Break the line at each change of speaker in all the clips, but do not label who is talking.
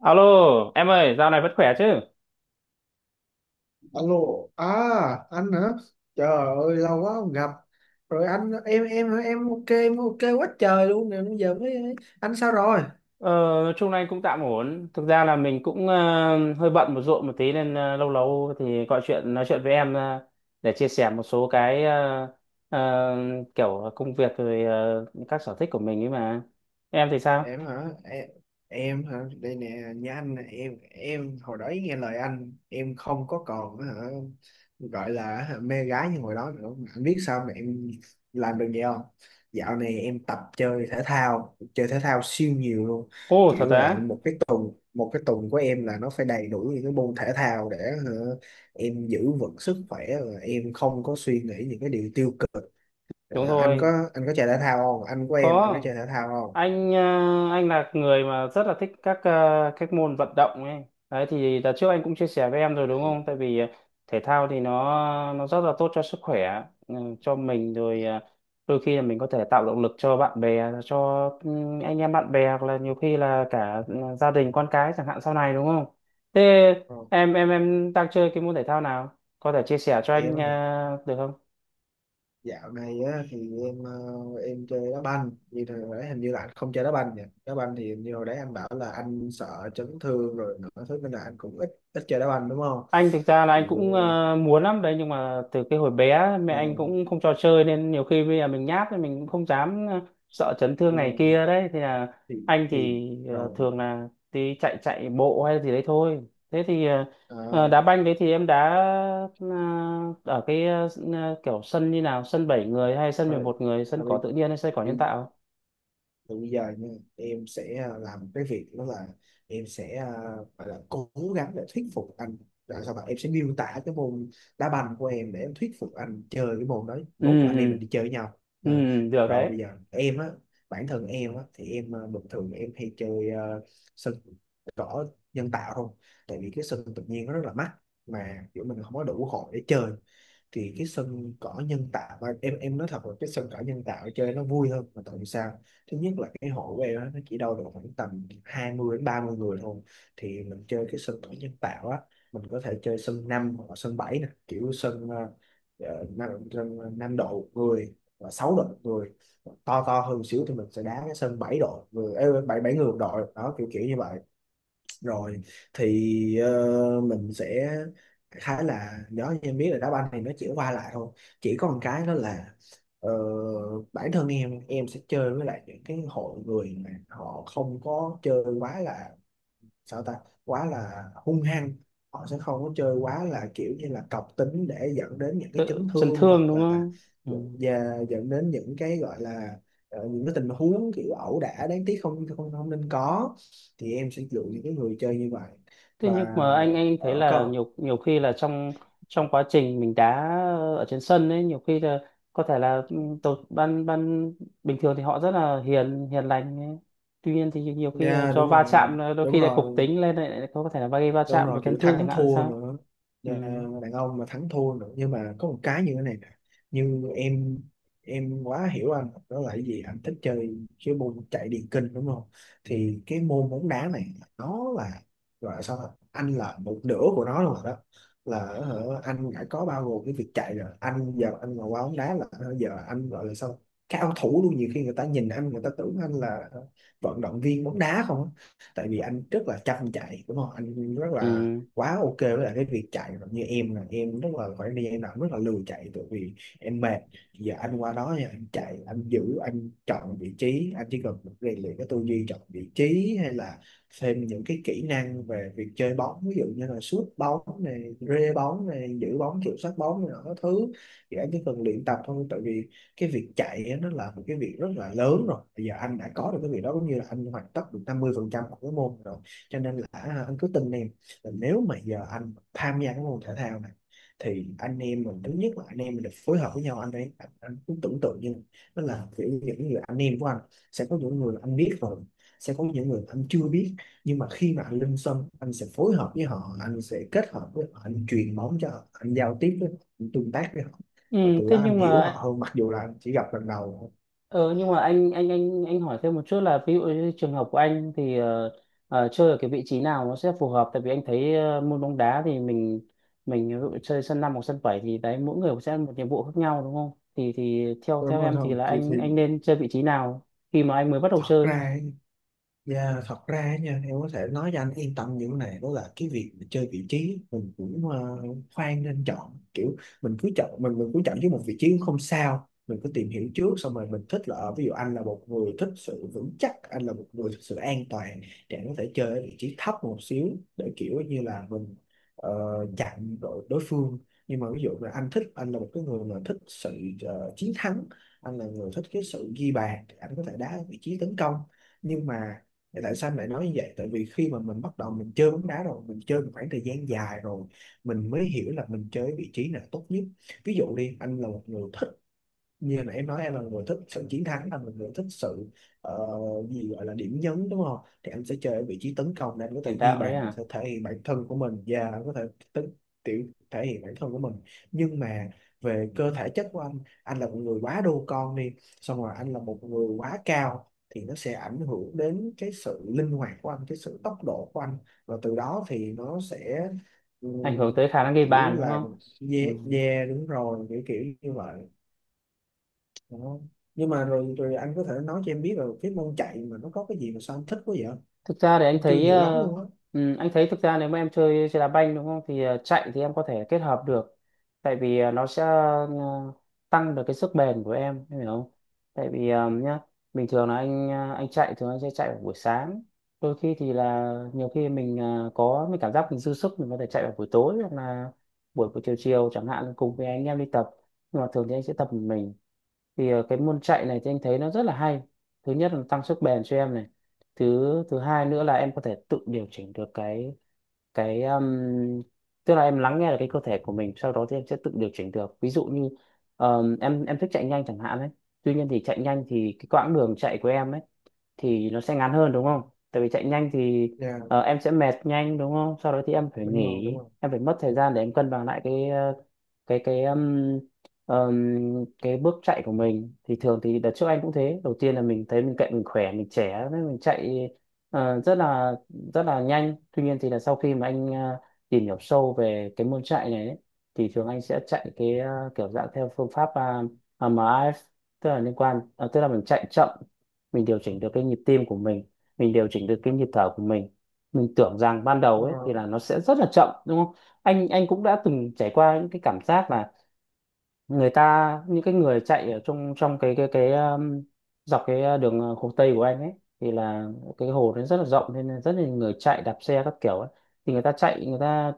Alo, em ơi, dạo này vẫn khỏe chứ?
Alo, à anh hả? Trời ơi lâu quá không gặp. Rồi anh em ok, ok quá trời luôn nè, bây giờ mới anh sao rồi?
Ờ, nói chung này cũng tạm ổn. Thực ra là mình cũng hơi bận một ruộng một tí nên lâu lâu thì gọi chuyện nói chuyện với em để chia sẻ một số cái ờ, kiểu công việc rồi các sở thích của mình ấy mà. Em thì sao?
em hả em, em hả? Đây nè nhá anh nè, em hồi đó nghe lời anh, em không có còn gọi là, mê gái như hồi đó nữa. Mà anh biết sao mà em làm được vậy không? Dạo này em tập chơi thể thao, chơi thể thao siêu nhiều luôn.
Ồ, thật
Kiểu là
á?
một cái tuần của em là nó phải đầy đủ những cái môn thể thao để hả, em giữ vững sức khỏe và em không có suy nghĩ những cái điều tiêu cực. Ờ,
Đúng rồi,
anh có chơi thể thao không? Anh của em, anh có
có.
chơi thể thao không?
Anh anh là người mà rất là thích các các môn vận động ấy đấy. Thì đợt trước anh cũng chia sẻ với em rồi đúng không, tại vì thể thao thì nó rất là tốt cho sức khỏe, ừ, cho mình rồi. Ờ, Đôi khi là mình có thể tạo động lực cho bạn bè, cho ừ, anh em bạn bè, hoặc là nhiều khi là cả ừ, gia đình con cái chẳng hạn sau này, đúng không? Thế
Không.
em đang chơi cái môn thể thao nào, có thể chia sẻ cho
Em
anh
á,
được không?
dạo này á, thì em em chơi đá banh. Như hồi đấy hình như là anh không chơi đá banh nhỉ? Đá banh thì như hồi đấy anh bảo là anh sợ chấn thương rồi nữa, thế nên là anh cũng ít ít chơi đá banh đúng không?
Anh thực ra là
Thì,
anh cũng muốn lắm đấy, nhưng mà từ cái hồi bé mẹ anh
ờ,
cũng không cho chơi, nên nhiều khi bây giờ mình nhát thì mình cũng không dám, sợ chấn
ờ,
thương này kia. Đấy thì là
thì
anh
thì
thì
rồi
thường là đi chạy chạy bộ hay gì đấy thôi. Thế thì
ờ,
đá banh đấy thì em đá ờ, ở cái kiểu sân như nào, sân 7 người hay sân mười
rồi
một người, sân
à,
cỏ tự nhiên hay sân cỏ nhân
bị
tạo?
Từ bây giờ nha, em sẽ làm cái việc đó, là em sẽ gọi là cố gắng để thuyết phục anh. Rồi sao, bạn em sẽ miêu tả cái môn đá banh của em để em thuyết phục anh chơi cái môn đó,
ừ
mốt anh em
ừ
mình đi chơi với nhau. Ờ.
được
Rồi
đấy.
bây giờ em á, bản thân em á, thì em à, bình thường em hay chơi sân cỏ nhân tạo không, tại vì cái sân tự nhiên nó rất là mắc mà kiểu mình không có đủ hội để chơi. Thì cái sân cỏ nhân tạo, và em nói thật là cái sân cỏ nhân tạo chơi nó vui hơn. Mà tại vì sao? Thứ nhất là cái hội của em á, nó chỉ đâu được khoảng tầm 20 đến 30 người thôi, thì mình chơi cái sân cỏ nhân tạo á. Mình có thể chơi sân 5 hoặc là sân 7 nè, kiểu sân 5 sân độ người và 6 độ người. To to hơn một xíu thì mình sẽ đá cái sân 7 độ người, 7 7 người một đội đó, kiểu kiểu như vậy. Rồi thì mình sẽ khá là nhớ, như em biết là đá banh thì nó chỉ qua lại thôi. Chỉ có một cái đó là ờ, bản thân em sẽ chơi với lại những cái hội người mà họ không có chơi quá là sao ta, quá là hung hăng. Họ sẽ không có chơi quá là kiểu như là cọc tính để dẫn đến những cái
Tự
chấn
chấn
thương,
thương
hoặc
đúng
là
không?
dẫn-
Ừ.
và dẫn đến những cái gọi là những cái tình huống kiểu ẩu đả đáng tiếc không không không nên có. Thì em sẽ lựa những cái người chơi như vậy.
Thế nhưng
Và
mà anh thấy là
có.
nhiều nhiều khi là trong trong quá trình mình đá ở trên sân ấy, nhiều khi là có thể là ừ, tổ ban ban bình thường thì họ rất là hiền hiền lành ấy. Tuy nhiên thì nhiều khi là
Dạ
do
đúng
va
rồi,
chạm, là đôi
đúng
khi là cục
rồi,
tính lên, lại lại có thể là gây va
đúng
chạm và
rồi, kiểu
chấn thương chẳng
thắng
hạn
thua
sao.
nữa.
Ừ.
Nhà đàn ông mà thắng thua nữa. Nhưng mà có một cái như thế này nè, như em quá hiểu anh. Đó là cái gì? Anh thích chơi cái môn chạy điền kinh đúng không? Thì cái môn bóng đá này nó là gọi là sao ta? Anh là một nửa của nó rồi đó. Là anh đã có bao gồm cái việc chạy rồi. Anh giờ anh mà qua bóng đá là giờ anh gọi là sao, cao thủ luôn. Nhiều khi người ta nhìn anh, người ta tưởng anh là vận động viên bóng đá không á, tại vì anh rất là chăm chạy đúng không, anh rất
Ừ.
là quá ok với lại cái việc chạy. Còn như em là em rất là, khoảng thời gian nào cũng rất là lười chạy, tại vì em mệt. Giờ anh qua đó thì anh chạy, anh giữ, anh chọn vị trí. Anh chỉ cần rèn luyện cái tư duy chọn vị trí, hay là thêm những cái kỹ năng về việc chơi bóng, ví dụ như là sút bóng này, rê bóng này, giữ bóng, kiểm soát bóng này nọ các thứ. Thì anh chỉ cần luyện tập thôi, tại vì cái việc chạy nó là một cái việc rất là lớn rồi. Bây giờ anh đã có được cái việc đó cũng như là anh hoàn tất được 50% phần trăm của cái môn rồi. Cho nên là à, anh cứ tin em, là nếu mà giờ anh tham gia cái môn thể thao này, thì anh em mình, thứ nhất là anh em mình được phối hợp với nhau. Anh cứ tưởng tượng như nó là kiểu những người anh em của anh. Sẽ có những người anh biết rồi, sẽ có những người anh chưa biết, nhưng mà khi mà anh lên sân anh sẽ phối hợp với họ, anh sẽ kết hợp với họ, anh truyền bóng cho họ, anh giao tiếp với họ, anh tương tác với họ,
Ừ.
và từ
Thế
đó anh
nhưng
hiểu họ
mà
hơn, mặc dù là anh chỉ gặp lần đầu thôi.
Ờ, nhưng mà anh hỏi thêm một chút là ví dụ như trường hợp của anh thì chơi ở cái vị trí nào nó sẽ phù hợp? Tại vì anh thấy môn bóng đá thì mình ví dụ chơi sân 5 hoặc sân 7 thì đấy, mỗi người sẽ một nhiệm vụ khác nhau đúng không? Thì theo
Đúng
theo
rồi.
em thì
Không
là
thì, thì
anh nên chơi vị trí nào khi mà anh mới bắt đầu
Thật
chơi?
ra, dạ, thật ra á nha, em có thể nói cho anh yên tâm những này, đó là cái việc mà chơi vị trí mình cũng khoan nên chọn kiểu. Mình cứ chọn, mình cứ chọn với một vị trí cũng không sao, mình cứ tìm hiểu trước, xong rồi mình thích là ở- ví dụ anh là một người thích sự vững chắc, anh là một người thích sự an toàn, thì anh có thể chơi ở vị trí thấp một xíu, để kiểu như là mình ờ, chặn đội đối phương. Nhưng mà ví dụ là anh thích, anh là một cái người mà thích sự chiến thắng, anh là người thích cái sự ghi bàn, thì anh có thể đá ở vị trí tấn công. Nhưng mà thì tại sao em lại nói như vậy? Tại vì khi mà mình bắt đầu mình chơi bóng đá rồi, mình chơi một khoảng thời gian dài rồi, mình mới hiểu là mình chơi vị trí nào tốt nhất. Ví dụ đi, anh là một người thích, như là em nói, em là người thích sự chiến thắng, là một người thích sự ờ, gì gọi là điểm nhấn đúng không, thì anh sẽ chơi ở vị trí tấn công để anh có thể
Tiền
ghi
đạo đấy
bàn, có
à?
thể thể hiện bản thân của mình, và anh có thể tính tiểu thể hiện bản thân của mình. Nhưng mà về cơ thể chất của anh là một người quá đô con đi, xong rồi anh là một người quá cao, thì nó sẽ ảnh hưởng đến cái sự linh hoạt của anh, cái sự tốc độ của anh, và từ đó thì nó sẽ ừ,
Ảnh hưởng tới khả năng ghi
kiểu
bàn đúng
là
không? Ừ.
yeah, yeah, đúng rồi, kiểu kiểu như vậy đó. Nhưng mà rồi rồi anh có thể nói cho em biết là cái môn chạy mà nó có cái gì mà sao anh thích quá vậy?
Thực ra thì anh
Em chưa
thấy
hiểu lắm luôn á.
anh thấy thực ra nếu mà em chơi chơi đá banh đúng không, thì chạy thì em có thể kết hợp được, tại vì nó sẽ tăng được cái sức bền của em hiểu không? Tại vì nhá, bình thường là anh anh chạy thường anh sẽ chạy vào buổi sáng, đôi khi thì là nhiều khi mình có mình cảm giác mình dư sức mình có thể chạy vào buổi tối hoặc là buổi buổi chiều chiều chẳng hạn cùng với anh em đi tập. Nhưng mà thường thì anh sẽ tập một mình. Thì cái môn chạy này thì anh thấy nó rất là hay. Thứ nhất là tăng sức bền cho em này, thứ thứ hai nữa là em có thể tự điều chỉnh được cái cái um, tức là em lắng nghe được cái cơ thể của mình, sau đó thì em sẽ tự điều chỉnh được. Ví dụ như em thích chạy nhanh chẳng hạn ấy, tuy nhiên thì chạy nhanh thì cái quãng đường chạy của em ấy thì nó sẽ ngắn hơn đúng không? Tại vì chạy nhanh thì
Dạ,
em sẽ mệt nhanh đúng không? Sau đó thì em phải
đúng rồi,
nghỉ,
đúng rồi.
em phải mất thời gian để em cân bằng lại cái cái cái um, um, cái bước chạy của mình. Thì thường thì đợt trước anh cũng thế, đầu tiên là mình thấy mình chạy mình khỏe, mình trẻ nên mình chạy ờ, rất là rất là nhanh. Tuy nhiên thì là sau khi mà anh tìm hiểu sâu về cái môn chạy này ấy, thì thường anh sẽ chạy cái kiểu dạng theo phương pháp uh, MRF, tức là liên quan tức là mình chạy chậm, mình điều chỉnh được cái nhịp tim của mình điều chỉnh được cái nhịp thở của mình. Mình tưởng rằng ban đầu
Ờ,
ấy thì là nó sẽ rất là chậm đúng không. Anh cũng đã từng trải qua những cái cảm giác là người ta, những cái người chạy ở trong trong cái dọc cái đường Hồ Tây của anh ấy, thì là cái hồ nó rất là rộng nên là rất là nhiều người chạy đạp xe các kiểu ấy. Thì người ta chạy, người ta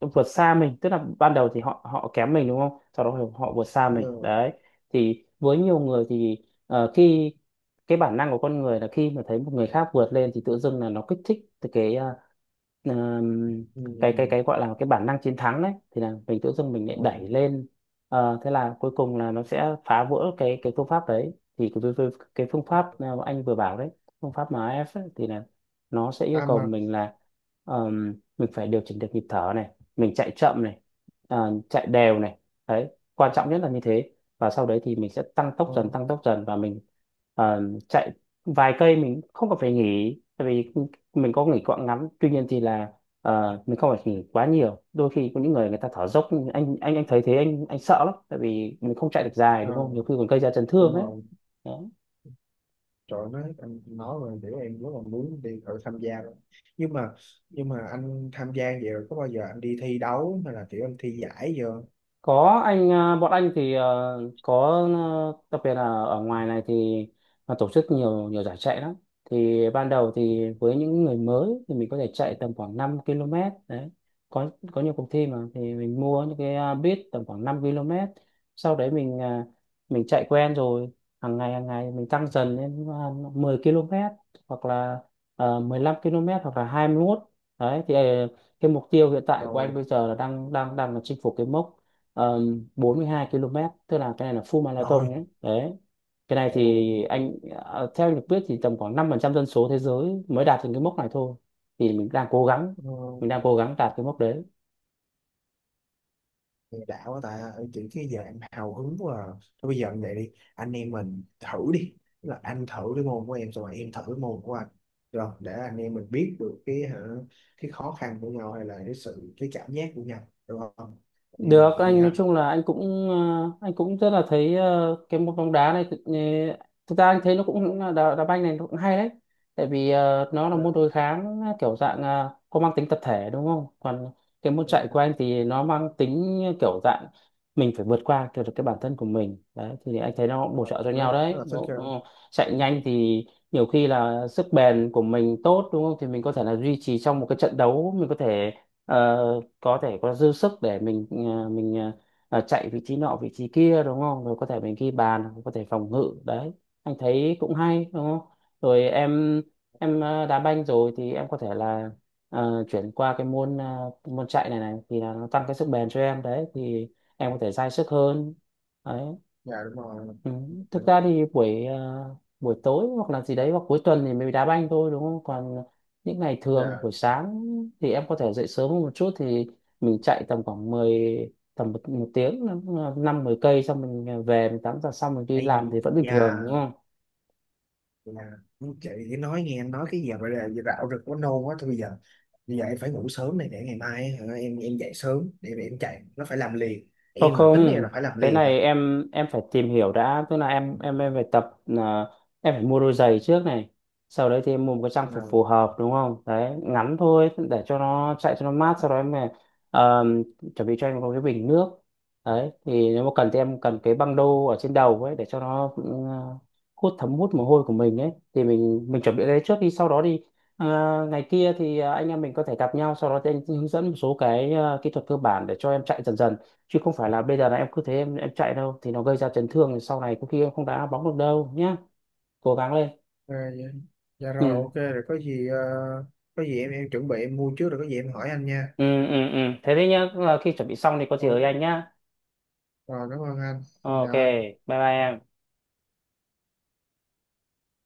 vượt xa mình, tức là ban đầu thì họ họ kém mình đúng không, sau đó thì họ vượt xa
ờ,
mình đấy. Thì với nhiều người thì khi cái bản năng của con người là khi mà thấy một người khác vượt lên thì tự dưng là nó kích thích từ cái ờm,
ừ,
cái gọi là cái bản năng chiến thắng đấy, thì là mình tự dưng mình
ờ,
lại đẩy lên. Ờ, thế là cuối cùng là nó sẽ phá vỡ cái phương pháp đấy. Thì cái phương pháp mà anh vừa bảo đấy, phương pháp MAF ấy, thì là nó sẽ yêu
à
cầu
mà,
mình là mình phải điều chỉnh được nhịp thở này, mình chạy chậm này, à, chạy đều này, đấy, quan trọng nhất là như thế. Và sau đấy thì mình sẽ tăng tốc
ờ,
dần, tăng tốc dần và mình à, chạy vài cây mình không cần phải nghỉ, tại vì mình có nghỉ quãng ngắn, tuy nhiên thì là à, mình không phải nghỉ quá nhiều. Đôi khi có những người, người ta thở dốc, anh thấy thế anh sợ lắm, tại vì mình không chạy được dài
ờ,
đúng không, nhiều khi còn gây ra chấn
Đúng
thương đấy.
rồi. Trời ơi, nói anh nói rồi để em rất là muốn đi thử tham gia rồi. Nhưng mà nhưng mà anh tham gia vậy rồi có bao giờ anh đi thi đấu hay là kiểu anh thi giải giờ?
Có, anh à, bọn anh thì à, có, à, đặc biệt là ở ngoài này thì nó tổ chức nhiều nhiều giải chạy lắm. Thì ban đầu thì với những người mới thì mình có thể chạy tầm khoảng 5 km. Đấy, có nhiều cuộc thi mà thì mình mua những cái à, bit tầm khoảng 5 km, sau đấy mình à, mình chạy quen rồi, hàng ngày mình tăng dần lên à, 10 km hoặc là 15 km hoặc là 21. Đấy thì à, cái mục tiêu hiện tại của anh
Rồi,
bây giờ là đang đang đang là chinh phục cái mốc 42 km, tức là cái này là full marathon
rồi.
nhé. Đấy, cái này
Ồ,
thì anh à, theo anh được biết thì tầm khoảng 5% dân số thế giới mới đạt được cái mốc này thôi. Thì mình đang cố gắng,
ờ,
mình đang cố gắng đạt cái mốc đấy.
Nghe đã quá ta, chỉ cái giờ em hào hứng quá à. Thôi bây giờ như vậy đi, anh em mình thử đi. Tức là anh thử cái môn của em, xong rồi em thử cái môn của anh, rồi để anh em mình biết được cái cái khó khăn của nhau, hay là cái sự cái cảm giác của nhau, được không? Anh em
Được,
mình vậy đi
anh nói
ha.
chung là anh cũng anh cũng rất là thấy cái môn bóng đá này thực, thực ra anh thấy nó cũng cũng là đá, đá banh này nó cũng hay đấy. Tại vì nó là
Dạ,
môn đối kháng kiểu dạng có mang tính tập thể đúng không, còn cái môn
đúng
chạy của
rồi.
anh thì nó mang tính kiểu dạng mình phải vượt qua kiểu được cái bản thân của mình đấy, thì anh thấy nó cũng bổ
Thôi,
trợ cho
em rất,
nhau
rất
đấy
là thích
đúng
cái
không? Chạy
đúng
nhanh
đúng,
thì nhiều khi là sức bền của mình tốt đúng không, thì mình có thể là duy trì trong một cái trận đấu, mình có thể ờ, có thể có dư sức để mình chạy vị trí nọ vị trí kia đúng không, rồi có thể mình ghi bàn hoặc có thể phòng ngự đấy. Anh thấy cũng hay đúng không? Rồi em đá banh rồi thì em có thể là chuyển qua cái môn môn chạy này, này thì là nó tăng cái sức bền cho em đấy, thì em có thể dai sức hơn đấy.
dạ đúng rồi,
Ừ. Thực ra thì buổi à, buổi tối hoặc là gì đấy hoặc cuối tuần thì mình đá banh thôi đúng không? Còn những ngày thường buổi
dạ
sáng thì em có thể dậy sớm hơn một chút, thì mình chạy tầm khoảng mười, tầm một tiếng, năm 10 cây xong mình về mình tắm giặt xong mình đi làm
ây
thì vẫn bình
da
thường đúng.
là. Chị thì nói nghe em nói cái giờ, bây giờ rạo rực quá, nôn quá. Thôi bây giờ, em phải ngủ sớm này, để ngày mai em dậy sớm để mà em chạy. Nó phải làm liền,
Không
em là tính em
không,
là phải làm
cái
liền rồi.
này em phải tìm hiểu đã, tức là em phải tập à, em phải mua đôi giày trước này. Sau đấy thì em mua một cái trang phục
Rồi,
phù hợp đúng không? Đấy, ngắn thôi để cho nó chạy cho nó mát, sau đó em phải, ờ, chuẩn bị cho em có cái bình nước. Đấy, thì nếu mà cần thì em cần cái băng đô ở trên đầu ấy để cho nó ừ, thấm hút mồ hôi của mình ấy, thì mình chuẩn bị cái đấy trước đi. Sau đó đi, Ờ, ngày kia thì anh em mình có thể gặp nhau, sau đó thì anh hướng dẫn một số cái kỹ thuật cơ bản để cho em chạy dần dần, chứ không phải là bây giờ là em cứ thế em chạy đâu, thì nó gây ra chấn thương sau này có khi em không đá bóng được đâu nhá. Cố gắng lên.
ờ, dạ, dạ rồi
ừ
ok rồi, có gì có gì em chuẩn bị em mua trước, rồi có gì em hỏi anh nha.
ừ. Thế thế nhá, khi chuẩn bị xong thì có gì ở
Ồ,
anh nhá.
Rồi, cảm ơn anh, xin
Ok,
chào anh.
bye bye em.